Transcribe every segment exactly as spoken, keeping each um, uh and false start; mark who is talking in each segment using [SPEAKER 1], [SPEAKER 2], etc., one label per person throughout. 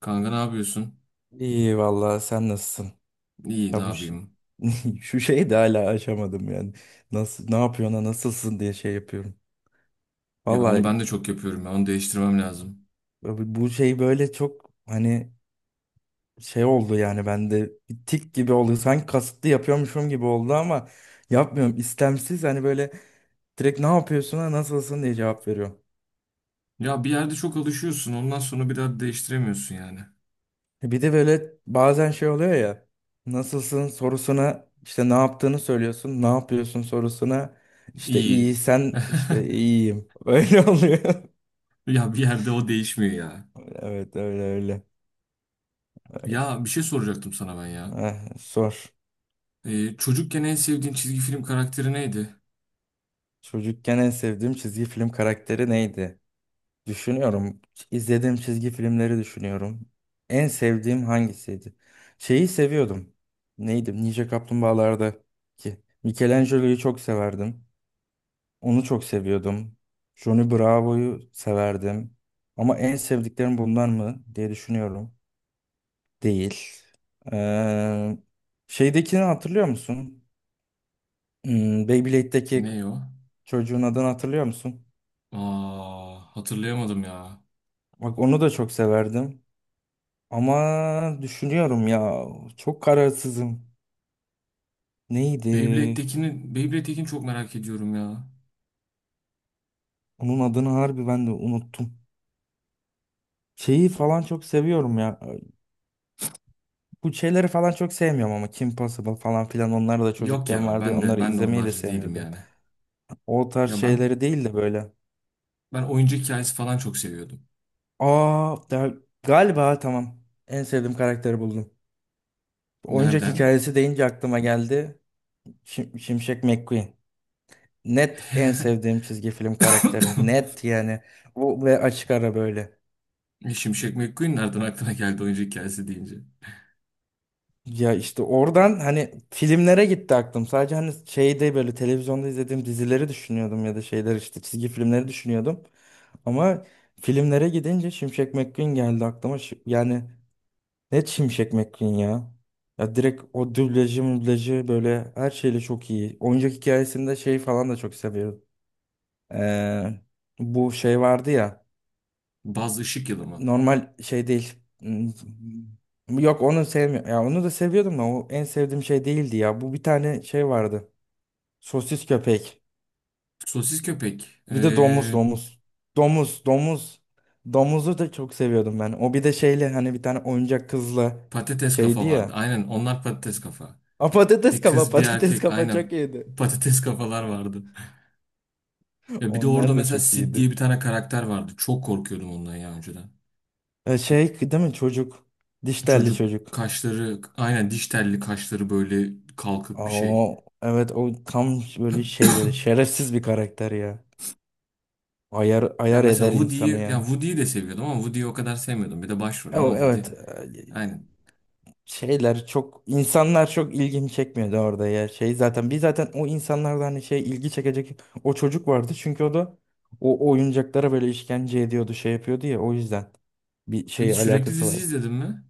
[SPEAKER 1] Kanka ne yapıyorsun?
[SPEAKER 2] İyi vallahi sen nasılsın?
[SPEAKER 1] İyi ne
[SPEAKER 2] Ya bu ş-
[SPEAKER 1] yapayım?
[SPEAKER 2] şu şeyi de hala aşamadım yani. Nasıl ne yapıyorsun ha, nasılsın diye şey yapıyorum.
[SPEAKER 1] Ya onu
[SPEAKER 2] Vallahi
[SPEAKER 1] ben de çok yapıyorum ya. Onu değiştirmem lazım.
[SPEAKER 2] bu bu şey böyle çok hani şey oldu yani bende bir tik gibi oldu. Sanki kasıtlı yapıyormuşum gibi oldu ama yapmıyorum. İstemsiz hani böyle direkt ne yapıyorsun ha nasılsın diye cevap veriyorum.
[SPEAKER 1] Ya bir yerde çok alışıyorsun. Ondan sonra bir daha değiştiremiyorsun yani.
[SPEAKER 2] E, Bir de böyle bazen şey oluyor ya. Nasılsın sorusuna işte ne yaptığını söylüyorsun. Ne yapıyorsun sorusuna işte
[SPEAKER 1] İyi.
[SPEAKER 2] iyi sen işte iyiyim. Öyle oluyor.
[SPEAKER 1] Ya bir yerde o değişmiyor ya.
[SPEAKER 2] Evet öyle öyle. Ay,
[SPEAKER 1] Ya bir şey soracaktım sana ben ya.
[SPEAKER 2] ah, sor.
[SPEAKER 1] Ee, çocukken en sevdiğin çizgi film karakteri neydi?
[SPEAKER 2] Çocukken en sevdiğim çizgi film karakteri neydi? Düşünüyorum. İzlediğim çizgi filmleri düşünüyorum. En sevdiğim hangisiydi? Şeyi seviyordum. Neydi? Ninja Kaplumbağalar'daki. Michelangelo'yu çok severdim. Onu çok seviyordum. Johnny Bravo'yu severdim. Ama en sevdiklerim bunlar mı diye düşünüyorum. Değil. Ee, şeydekini hatırlıyor musun? Hmm, Beyblade'deki
[SPEAKER 1] Ne o?
[SPEAKER 2] çocuğun adını hatırlıyor musun?
[SPEAKER 1] Aa, hatırlayamadım ya.
[SPEAKER 2] Bak onu da çok severdim. Ama düşünüyorum ya. Çok kararsızım. Neydi?
[SPEAKER 1] Beyblade'dekini, Beyblade'dekini çok merak ediyorum ya.
[SPEAKER 2] Onun adını harbi ben de unuttum. Şeyi falan çok seviyorum ya. Bu şeyleri falan çok sevmiyorum ama Kim Possible falan filan onlar da
[SPEAKER 1] Yok
[SPEAKER 2] çocukken
[SPEAKER 1] ya
[SPEAKER 2] vardı ya
[SPEAKER 1] ben de
[SPEAKER 2] onları
[SPEAKER 1] ben de
[SPEAKER 2] izlemeyi de
[SPEAKER 1] onlarcı değilim
[SPEAKER 2] sevmiyordum.
[SPEAKER 1] yani.
[SPEAKER 2] O tarz
[SPEAKER 1] Ya ben
[SPEAKER 2] şeyleri değil de böyle.
[SPEAKER 1] ben oyuncak hikayesi falan çok seviyordum.
[SPEAKER 2] Aa da- galiba tamam, en sevdiğim karakteri buldum. Oyuncak
[SPEAKER 1] Nereden?
[SPEAKER 2] hikayesi deyince aklıma geldi. Şim- Şimşek McQueen. Net en sevdiğim çizgi film karakteri. Net yani. Bu ve açık ara böyle.
[SPEAKER 1] Şimşek McQueen nereden aklına geldi oyuncu hikayesi deyince?
[SPEAKER 2] Ya işte oradan hani filmlere gitti aklım. Sadece hani şeyde böyle televizyonda izlediğim dizileri düşünüyordum ya da şeyler işte çizgi filmleri düşünüyordum. Ama filmlere gidince Şimşek McQueen geldi aklıma. Şi- Yani ne Şimşek McQueen ya? Ya direkt o dublajı mublajı böyle her şeyle çok iyi. Oyuncak hikayesinde şey falan da çok seviyorum. Ee, bu şey vardı ya,
[SPEAKER 1] Buzz Işık Yılı mı?
[SPEAKER 2] normal şey değil. Hmm, yok onu sevmiyorum. Ya onu da seviyordum da o en sevdiğim şey değildi ya. Bu bir tane şey vardı. Sosis köpek.
[SPEAKER 1] Sosis Köpek.
[SPEAKER 2] Bir de domuz
[SPEAKER 1] Ee,
[SPEAKER 2] domuz. Domuz domuz. Domuzu da çok seviyordum ben. O bir de şeyle hani bir tane oyuncak kızla
[SPEAKER 1] Patates
[SPEAKER 2] şeydi
[SPEAKER 1] kafa vardı.
[SPEAKER 2] ya.
[SPEAKER 1] Aynen onlar Patates Kafa.
[SPEAKER 2] A, patates
[SPEAKER 1] Bir
[SPEAKER 2] kafa
[SPEAKER 1] kız bir
[SPEAKER 2] patates
[SPEAKER 1] erkek.
[SPEAKER 2] kafa çok
[SPEAKER 1] Aynen.
[SPEAKER 2] iyiydi.
[SPEAKER 1] Patates kafalar vardı. Ya bir de orada
[SPEAKER 2] Onlar da
[SPEAKER 1] mesela
[SPEAKER 2] çok
[SPEAKER 1] Sid diye
[SPEAKER 2] iyiydi.
[SPEAKER 1] bir tane karakter vardı. Çok korkuyordum ondan ya önceden.
[SPEAKER 2] E, şey değil mi çocuk? Diş telli
[SPEAKER 1] Çocuk
[SPEAKER 2] çocuk.
[SPEAKER 1] kaşları aynen diş telli kaşları böyle
[SPEAKER 2] Aa,
[SPEAKER 1] kalkık bir şey.
[SPEAKER 2] o, evet o tam böyle şey böyle şerefsiz bir karakter ya. Ayar
[SPEAKER 1] Ya
[SPEAKER 2] ayar
[SPEAKER 1] mesela
[SPEAKER 2] eder insanı
[SPEAKER 1] Woody'yi ya
[SPEAKER 2] yani.
[SPEAKER 1] Woody'yi de seviyordum ama Woody'yi o kadar sevmiyordum. Bir de başrol
[SPEAKER 2] E,
[SPEAKER 1] ama
[SPEAKER 2] o-
[SPEAKER 1] Woody.
[SPEAKER 2] Evet, e,
[SPEAKER 1] Aynen.
[SPEAKER 2] şeyler çok insanlar çok ilgimi çekmiyordu orada ya şey zaten biz zaten o insanlardan hani şey ilgi çekecek o çocuk vardı çünkü o da o oyuncaklara böyle işkence ediyordu şey yapıyordu ya o yüzden bir
[SPEAKER 1] Peki
[SPEAKER 2] şey
[SPEAKER 1] sürekli
[SPEAKER 2] alakası
[SPEAKER 1] dizi
[SPEAKER 2] var.
[SPEAKER 1] izledin mi?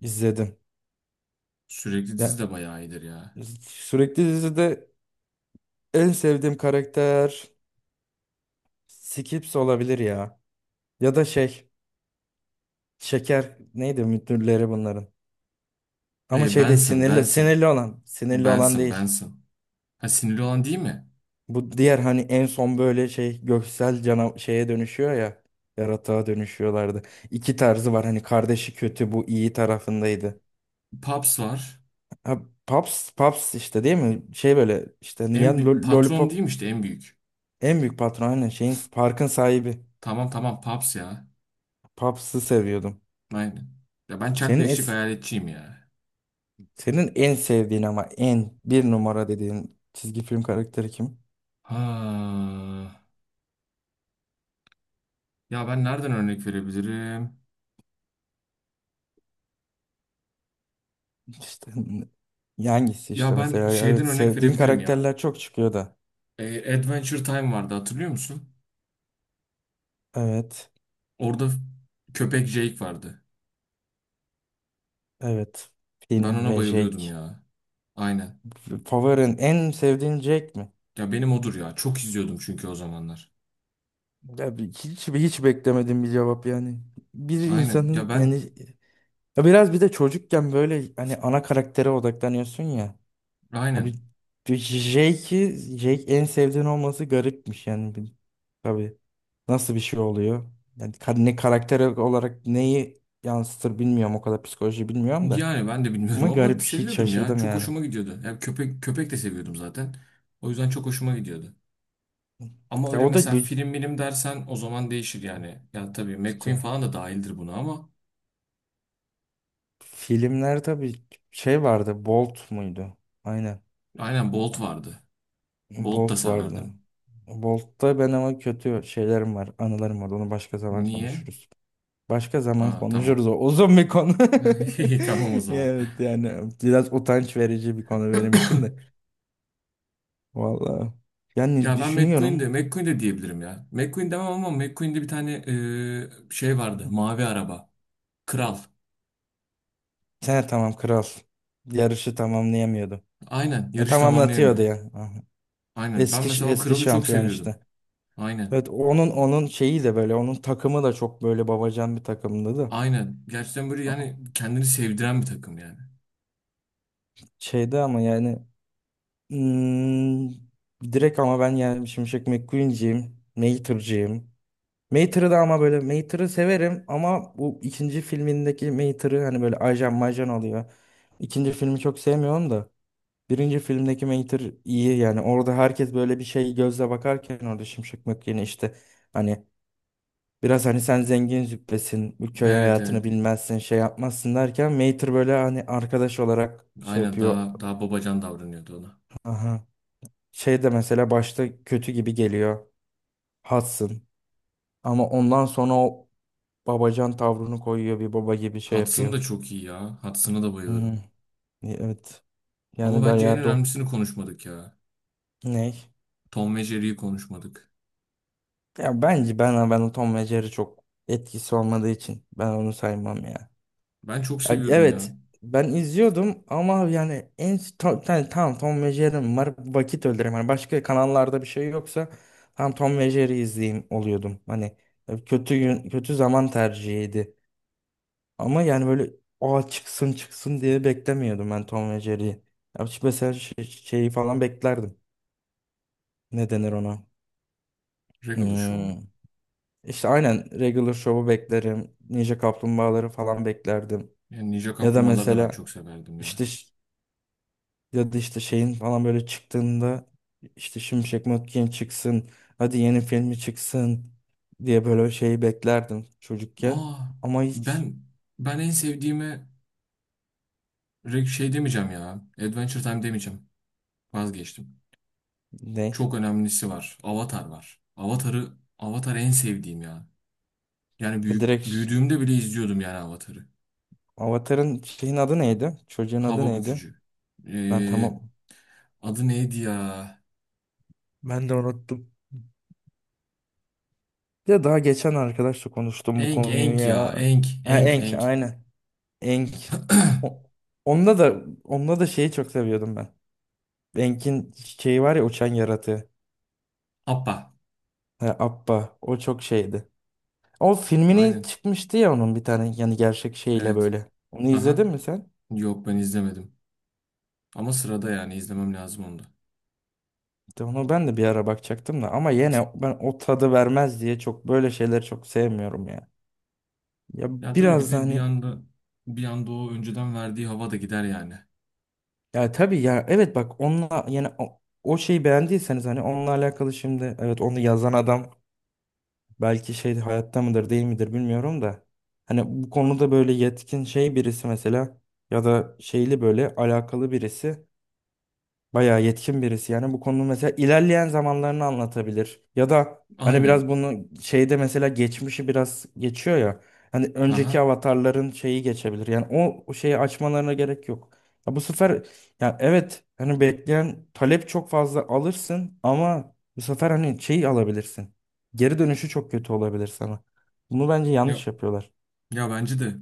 [SPEAKER 2] İzledim
[SPEAKER 1] Sürekli
[SPEAKER 2] ya,
[SPEAKER 1] dizi de bayağı iyidir ya.
[SPEAKER 2] sürekli dizide en sevdiğim karakter Skips olabilir ya, ya da şey, Şeker neydi müdürleri bunların, ama
[SPEAKER 1] E,
[SPEAKER 2] şey değil
[SPEAKER 1] Benson,
[SPEAKER 2] sinirli,
[SPEAKER 1] Benson.
[SPEAKER 2] sinirli olan sinirli olan
[SPEAKER 1] Benson,
[SPEAKER 2] değil.
[SPEAKER 1] Benson. Ha sinirli olan değil mi?
[SPEAKER 2] Bu diğer hani en son böyle şey göksel cana şeye dönüşüyor ya. Yaratığa dönüşüyorlardı. İki tarzı var hani kardeşi kötü bu iyi tarafındaydı.
[SPEAKER 1] Pops var.
[SPEAKER 2] Ha, Paps, Paps işte değil mi? Şey böyle işte
[SPEAKER 1] En
[SPEAKER 2] yani
[SPEAKER 1] büyük
[SPEAKER 2] lo-
[SPEAKER 1] patron değil mi
[SPEAKER 2] Lollipop
[SPEAKER 1] işte en büyük?
[SPEAKER 2] en büyük patron, aynen şeyin parkın sahibi.
[SPEAKER 1] Tamam tamam Pops ya.
[SPEAKER 2] Paps'ı seviyordum.
[SPEAKER 1] Aynen. Ya ben Chuck
[SPEAKER 2] Senin
[SPEAKER 1] Beşlik
[SPEAKER 2] es
[SPEAKER 1] hayaletçiyim ya.
[SPEAKER 2] senin en sevdiğin ama en bir numara dediğin çizgi film karakteri kim?
[SPEAKER 1] Ha. Ya ben nereden örnek verebilirim?
[SPEAKER 2] İşte hangisi işte
[SPEAKER 1] Ya ben
[SPEAKER 2] mesela
[SPEAKER 1] şeyden
[SPEAKER 2] evet
[SPEAKER 1] örnek
[SPEAKER 2] sevdiğin
[SPEAKER 1] verebilirim ya.
[SPEAKER 2] karakterler çok çıkıyor da.
[SPEAKER 1] E, Adventure Time vardı hatırlıyor musun?
[SPEAKER 2] Evet.
[SPEAKER 1] Orada köpek Jake vardı.
[SPEAKER 2] Evet.
[SPEAKER 1] Ben
[SPEAKER 2] Finn
[SPEAKER 1] ona
[SPEAKER 2] ve
[SPEAKER 1] bayılıyordum
[SPEAKER 2] Jake.
[SPEAKER 1] ya. Aynen.
[SPEAKER 2] Favorin en sevdiğin Jake mi?
[SPEAKER 1] Ya benim odur ya. Çok izliyordum çünkü o zamanlar.
[SPEAKER 2] Ya bir- hiç hiç beklemedim bir cevap yani. Bir
[SPEAKER 1] Aynen. Ya
[SPEAKER 2] insanın
[SPEAKER 1] ben
[SPEAKER 2] yani ya biraz bir de çocukken böyle hani ana karaktere odaklanıyorsun ya. Abi
[SPEAKER 1] aynen.
[SPEAKER 2] Jake'i, Jake en sevdiğin olması garipmiş yani. Bir- Tabii nasıl bir şey oluyor? Yani ka- ne karakter olarak neyi yansıtır bilmiyorum, o kadar psikoloji bilmiyorum da.
[SPEAKER 1] Yani ben de
[SPEAKER 2] Ama
[SPEAKER 1] bilmiyorum ama
[SPEAKER 2] garip, hiç
[SPEAKER 1] seviyordum ya.
[SPEAKER 2] şaşırdım
[SPEAKER 1] Çok
[SPEAKER 2] yani.
[SPEAKER 1] hoşuma gidiyordu. Ya köpek köpek de seviyordum zaten. O yüzden çok hoşuma gidiyordu. Ama
[SPEAKER 2] Ya
[SPEAKER 1] öyle
[SPEAKER 2] o da
[SPEAKER 1] mesela
[SPEAKER 2] bir,
[SPEAKER 1] film bilim dersen o zaman değişir yani. Ya tabii McQueen falan da dahildir buna ama
[SPEAKER 2] Filmler tabii şey vardı. Bolt muydu? Aynen.
[SPEAKER 1] aynen Bolt vardı. Bolt da
[SPEAKER 2] Bolt vardı.
[SPEAKER 1] severdim.
[SPEAKER 2] Bolt'ta ben ama kötü şeylerim var, anılarım var. Onu başka zaman
[SPEAKER 1] Niye?
[SPEAKER 2] konuşuruz. Başka zaman
[SPEAKER 1] Aa tamam.
[SPEAKER 2] konuşuruz. O uzun bir konu.
[SPEAKER 1] Tamam o zaman.
[SPEAKER 2] Evet yani biraz utanç verici bir konu benim için de. Vallahi. Yani
[SPEAKER 1] Ya ben McQueen de
[SPEAKER 2] düşünüyorum.
[SPEAKER 1] McQueen de diyebilirim ya. McQueen demem ama McQueen'de bir tane e, şey vardı. Mavi araba. Kral.
[SPEAKER 2] Sen tamam kral. Yarışı tamamlayamıyordu.
[SPEAKER 1] Aynen
[SPEAKER 2] E,
[SPEAKER 1] yarış tamamlayamıyor.
[SPEAKER 2] tamamlatıyordu ya. Aha.
[SPEAKER 1] Aynen. Ben mesela
[SPEAKER 2] Eski
[SPEAKER 1] o
[SPEAKER 2] eski
[SPEAKER 1] kralı çok
[SPEAKER 2] şampiyon işte.
[SPEAKER 1] seviyordum. Aynen.
[SPEAKER 2] Evet onun onun şeyi de böyle onun takımı da çok böyle babacan bir takımdı da.
[SPEAKER 1] Aynen. Gerçekten böyle
[SPEAKER 2] A-
[SPEAKER 1] yani kendini sevdiren bir takım yani.
[SPEAKER 2] Şeyde ama yani, hmm, direkt ama ben yani Şimşek McQueen'ciyim. Mater'cıyım. Mater'ı da ama böyle Mater'ı severim ama bu ikinci filmindeki Mater'ı hani böyle ajan majan oluyor. İkinci filmi çok sevmiyorum da. Birinci filmdeki Mater iyi yani orada herkes böyle bir şey gözle bakarken orada Şimşek McQueen'i işte hani biraz hani sen zengin züppesin, bu köy
[SPEAKER 1] Evet evet.
[SPEAKER 2] hayatını bilmezsin, şey yapmazsın derken Mater böyle hani arkadaş olarak şey
[SPEAKER 1] Aynen
[SPEAKER 2] yapıyor.
[SPEAKER 1] daha daha babacan davranıyordu ona.
[SPEAKER 2] Aha. Şey de mesela başta kötü gibi geliyor. Hudson. Ama ondan sonra o babacan tavrını koyuyor, bir baba gibi şey
[SPEAKER 1] Hudson
[SPEAKER 2] yapıyor.
[SPEAKER 1] da çok iyi ya. Hudson'a da
[SPEAKER 2] Hmm,
[SPEAKER 1] bayılırım.
[SPEAKER 2] E, evet.
[SPEAKER 1] Ama
[SPEAKER 2] Yani ben
[SPEAKER 1] bence en
[SPEAKER 2] ya dok
[SPEAKER 1] önemlisini konuşmadık ya.
[SPEAKER 2] ne?
[SPEAKER 1] Tom ve Jerry'yi konuşmadık.
[SPEAKER 2] Ya bence ben ben o Tom ve Jerry çok etkisi olmadığı için ben onu saymam ya.
[SPEAKER 1] Ben çok
[SPEAKER 2] Ya
[SPEAKER 1] seviyordum
[SPEAKER 2] evet
[SPEAKER 1] ya.
[SPEAKER 2] ben izliyordum ama yani en tam, yani tamam Tom ve Jerry'm var vakit öldüreyim. Hani başka kanallarda bir şey yoksa tam Tom ve Jerry izleyeyim oluyordum. Hani e, kötü gün, kötü zaman tercihiydi. Ama yani böyle o çıksın çıksın diye beklemiyordum ben Tom ve Jerry'yi. Ya şu mesela şey- şeyi falan beklerdim. Ne denir ona?
[SPEAKER 1] Regular
[SPEAKER 2] Hmm.
[SPEAKER 1] Show'u.
[SPEAKER 2] İşte aynen Regular Show'u beklerim. Ninja Kaplumbağaları falan beklerdim.
[SPEAKER 1] Yani Ninja
[SPEAKER 2] Ya da
[SPEAKER 1] Kaplumbağaları da ben
[SPEAKER 2] mesela
[SPEAKER 1] çok severdim ya.
[SPEAKER 2] işte, ya da işte şeyin falan böyle çıktığında işte Şimşek Mökken çıksın. Hadi yeni filmi çıksın diye böyle şeyi beklerdim çocukken.
[SPEAKER 1] Aa,
[SPEAKER 2] Ama
[SPEAKER 1] ben
[SPEAKER 2] hiç,
[SPEAKER 1] ben en sevdiğime reg- şey demeyeceğim ya. Adventure Time demeyeceğim. Vazgeçtim.
[SPEAKER 2] ne?
[SPEAKER 1] Çok önemlisi var. Avatar var. Avatar'ı Avatar en sevdiğim ya. Yani
[SPEAKER 2] Ya Direkt
[SPEAKER 1] büyük,
[SPEAKER 2] ş-
[SPEAKER 1] büyüdüğümde bile izliyordum yani Avatar'ı.
[SPEAKER 2] Avatar'ın şeyin adı neydi? Çocuğun adı
[SPEAKER 1] Hava
[SPEAKER 2] neydi?
[SPEAKER 1] bükücü.
[SPEAKER 2] Ben
[SPEAKER 1] Ee,
[SPEAKER 2] tamam.
[SPEAKER 1] Adı neydi ya?
[SPEAKER 2] Ben de unuttum. Ya daha geçen arkadaşla konuştum bu
[SPEAKER 1] Enk
[SPEAKER 2] konuyu
[SPEAKER 1] Enk ya.
[SPEAKER 2] ya.
[SPEAKER 1] Enk
[SPEAKER 2] Ha,
[SPEAKER 1] Enk
[SPEAKER 2] Enk
[SPEAKER 1] Enk.
[SPEAKER 2] aynen. Enk. O- onda da onda da şeyi çok seviyordum ben. Enk'in şeyi var ya uçan yaratığı.
[SPEAKER 1] Appa.
[SPEAKER 2] Ha, Appa. O çok şeydi. O filmini
[SPEAKER 1] Aynen.
[SPEAKER 2] çıkmıştı ya, onun bir tane yani gerçek şeyle
[SPEAKER 1] Evet.
[SPEAKER 2] böyle. Onu izledin
[SPEAKER 1] Aha.
[SPEAKER 2] mi sen?
[SPEAKER 1] Yok ben izlemedim. Ama sırada yani izlemem lazım onu da.
[SPEAKER 2] İşte onu ben de bir ara bakacaktım da ama yine ben o tadı vermez diye çok böyle şeyleri çok sevmiyorum ya. Ya
[SPEAKER 1] Ya tabii bir
[SPEAKER 2] biraz da
[SPEAKER 1] de bir
[SPEAKER 2] hani,
[SPEAKER 1] anda bir anda o önceden verdiği hava da gider yani.
[SPEAKER 2] ya tabii ya evet bak onunla yani o, o şeyi beğendiyseniz hani onunla alakalı şimdi, evet onu yazan adam belki şey hayatta mıdır değil midir bilmiyorum da, hani bu konuda böyle yetkin şey birisi mesela ya da şeyli böyle alakalı birisi. Bayağı yetkin birisi yani bu konuda mesela ilerleyen zamanlarını anlatabilir ya da hani biraz
[SPEAKER 1] Aynen.
[SPEAKER 2] bunu şeyde mesela geçmişi biraz geçiyor ya, hani önceki
[SPEAKER 1] Aha.
[SPEAKER 2] avatarların şeyi geçebilir yani o, o şeyi açmalarına gerek yok. Ya bu sefer, ya evet hani bekleyen talep çok fazla alırsın ama bu sefer hani şeyi alabilirsin, geri dönüşü çok kötü olabilir sana, bunu bence yanlış
[SPEAKER 1] Ya
[SPEAKER 2] yapıyorlar.
[SPEAKER 1] ya bence de.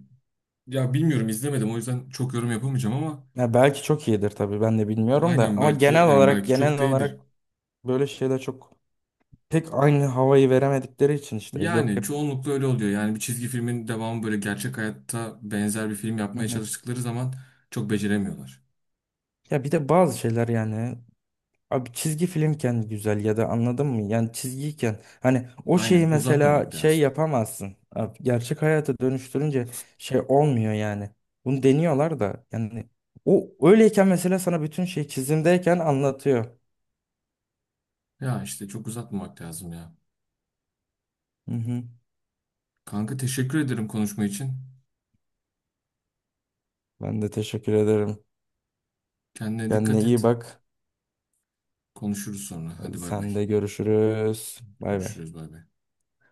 [SPEAKER 1] Ya bilmiyorum izlemedim o yüzden çok yorum yapamayacağım ama
[SPEAKER 2] Ya belki çok iyidir tabii ben de bilmiyorum da
[SPEAKER 1] aynen
[SPEAKER 2] ama
[SPEAKER 1] belki
[SPEAKER 2] genel
[SPEAKER 1] yani
[SPEAKER 2] olarak
[SPEAKER 1] belki çok
[SPEAKER 2] genel
[SPEAKER 1] da iyidir.
[SPEAKER 2] olarak böyle şeyler çok pek aynı havayı veremedikleri için işte yok
[SPEAKER 1] Yani
[SPEAKER 2] hep.
[SPEAKER 1] çoğunlukla öyle oluyor. Yani bir çizgi filmin devamı böyle gerçek hayatta benzer bir film
[SPEAKER 2] Hı
[SPEAKER 1] yapmaya
[SPEAKER 2] hı.
[SPEAKER 1] çalıştıkları zaman çok beceremiyorlar.
[SPEAKER 2] Ya bir de bazı şeyler yani, abi çizgi filmken güzel ya da anladın mı? Yani çizgiyken hani o şeyi
[SPEAKER 1] Aynen
[SPEAKER 2] mesela
[SPEAKER 1] uzatmamak
[SPEAKER 2] şey
[SPEAKER 1] lazım.
[SPEAKER 2] yapamazsın. Abi, gerçek hayata dönüştürünce şey olmuyor yani. Bunu deniyorlar da yani o öyleyken mesela sana bütün şey çizimdeyken anlatıyor.
[SPEAKER 1] Ya işte çok uzatmamak lazım ya.
[SPEAKER 2] Hı hı.
[SPEAKER 1] Kanka teşekkür ederim konuşma için.
[SPEAKER 2] Ben de teşekkür ederim.
[SPEAKER 1] Kendine
[SPEAKER 2] Kendine
[SPEAKER 1] dikkat
[SPEAKER 2] iyi
[SPEAKER 1] et.
[SPEAKER 2] bak.
[SPEAKER 1] Konuşuruz sonra.
[SPEAKER 2] Hadi
[SPEAKER 1] Hadi bay bay.
[SPEAKER 2] sen de görüşürüz. Bay bay.
[SPEAKER 1] Görüşürüz bay bay.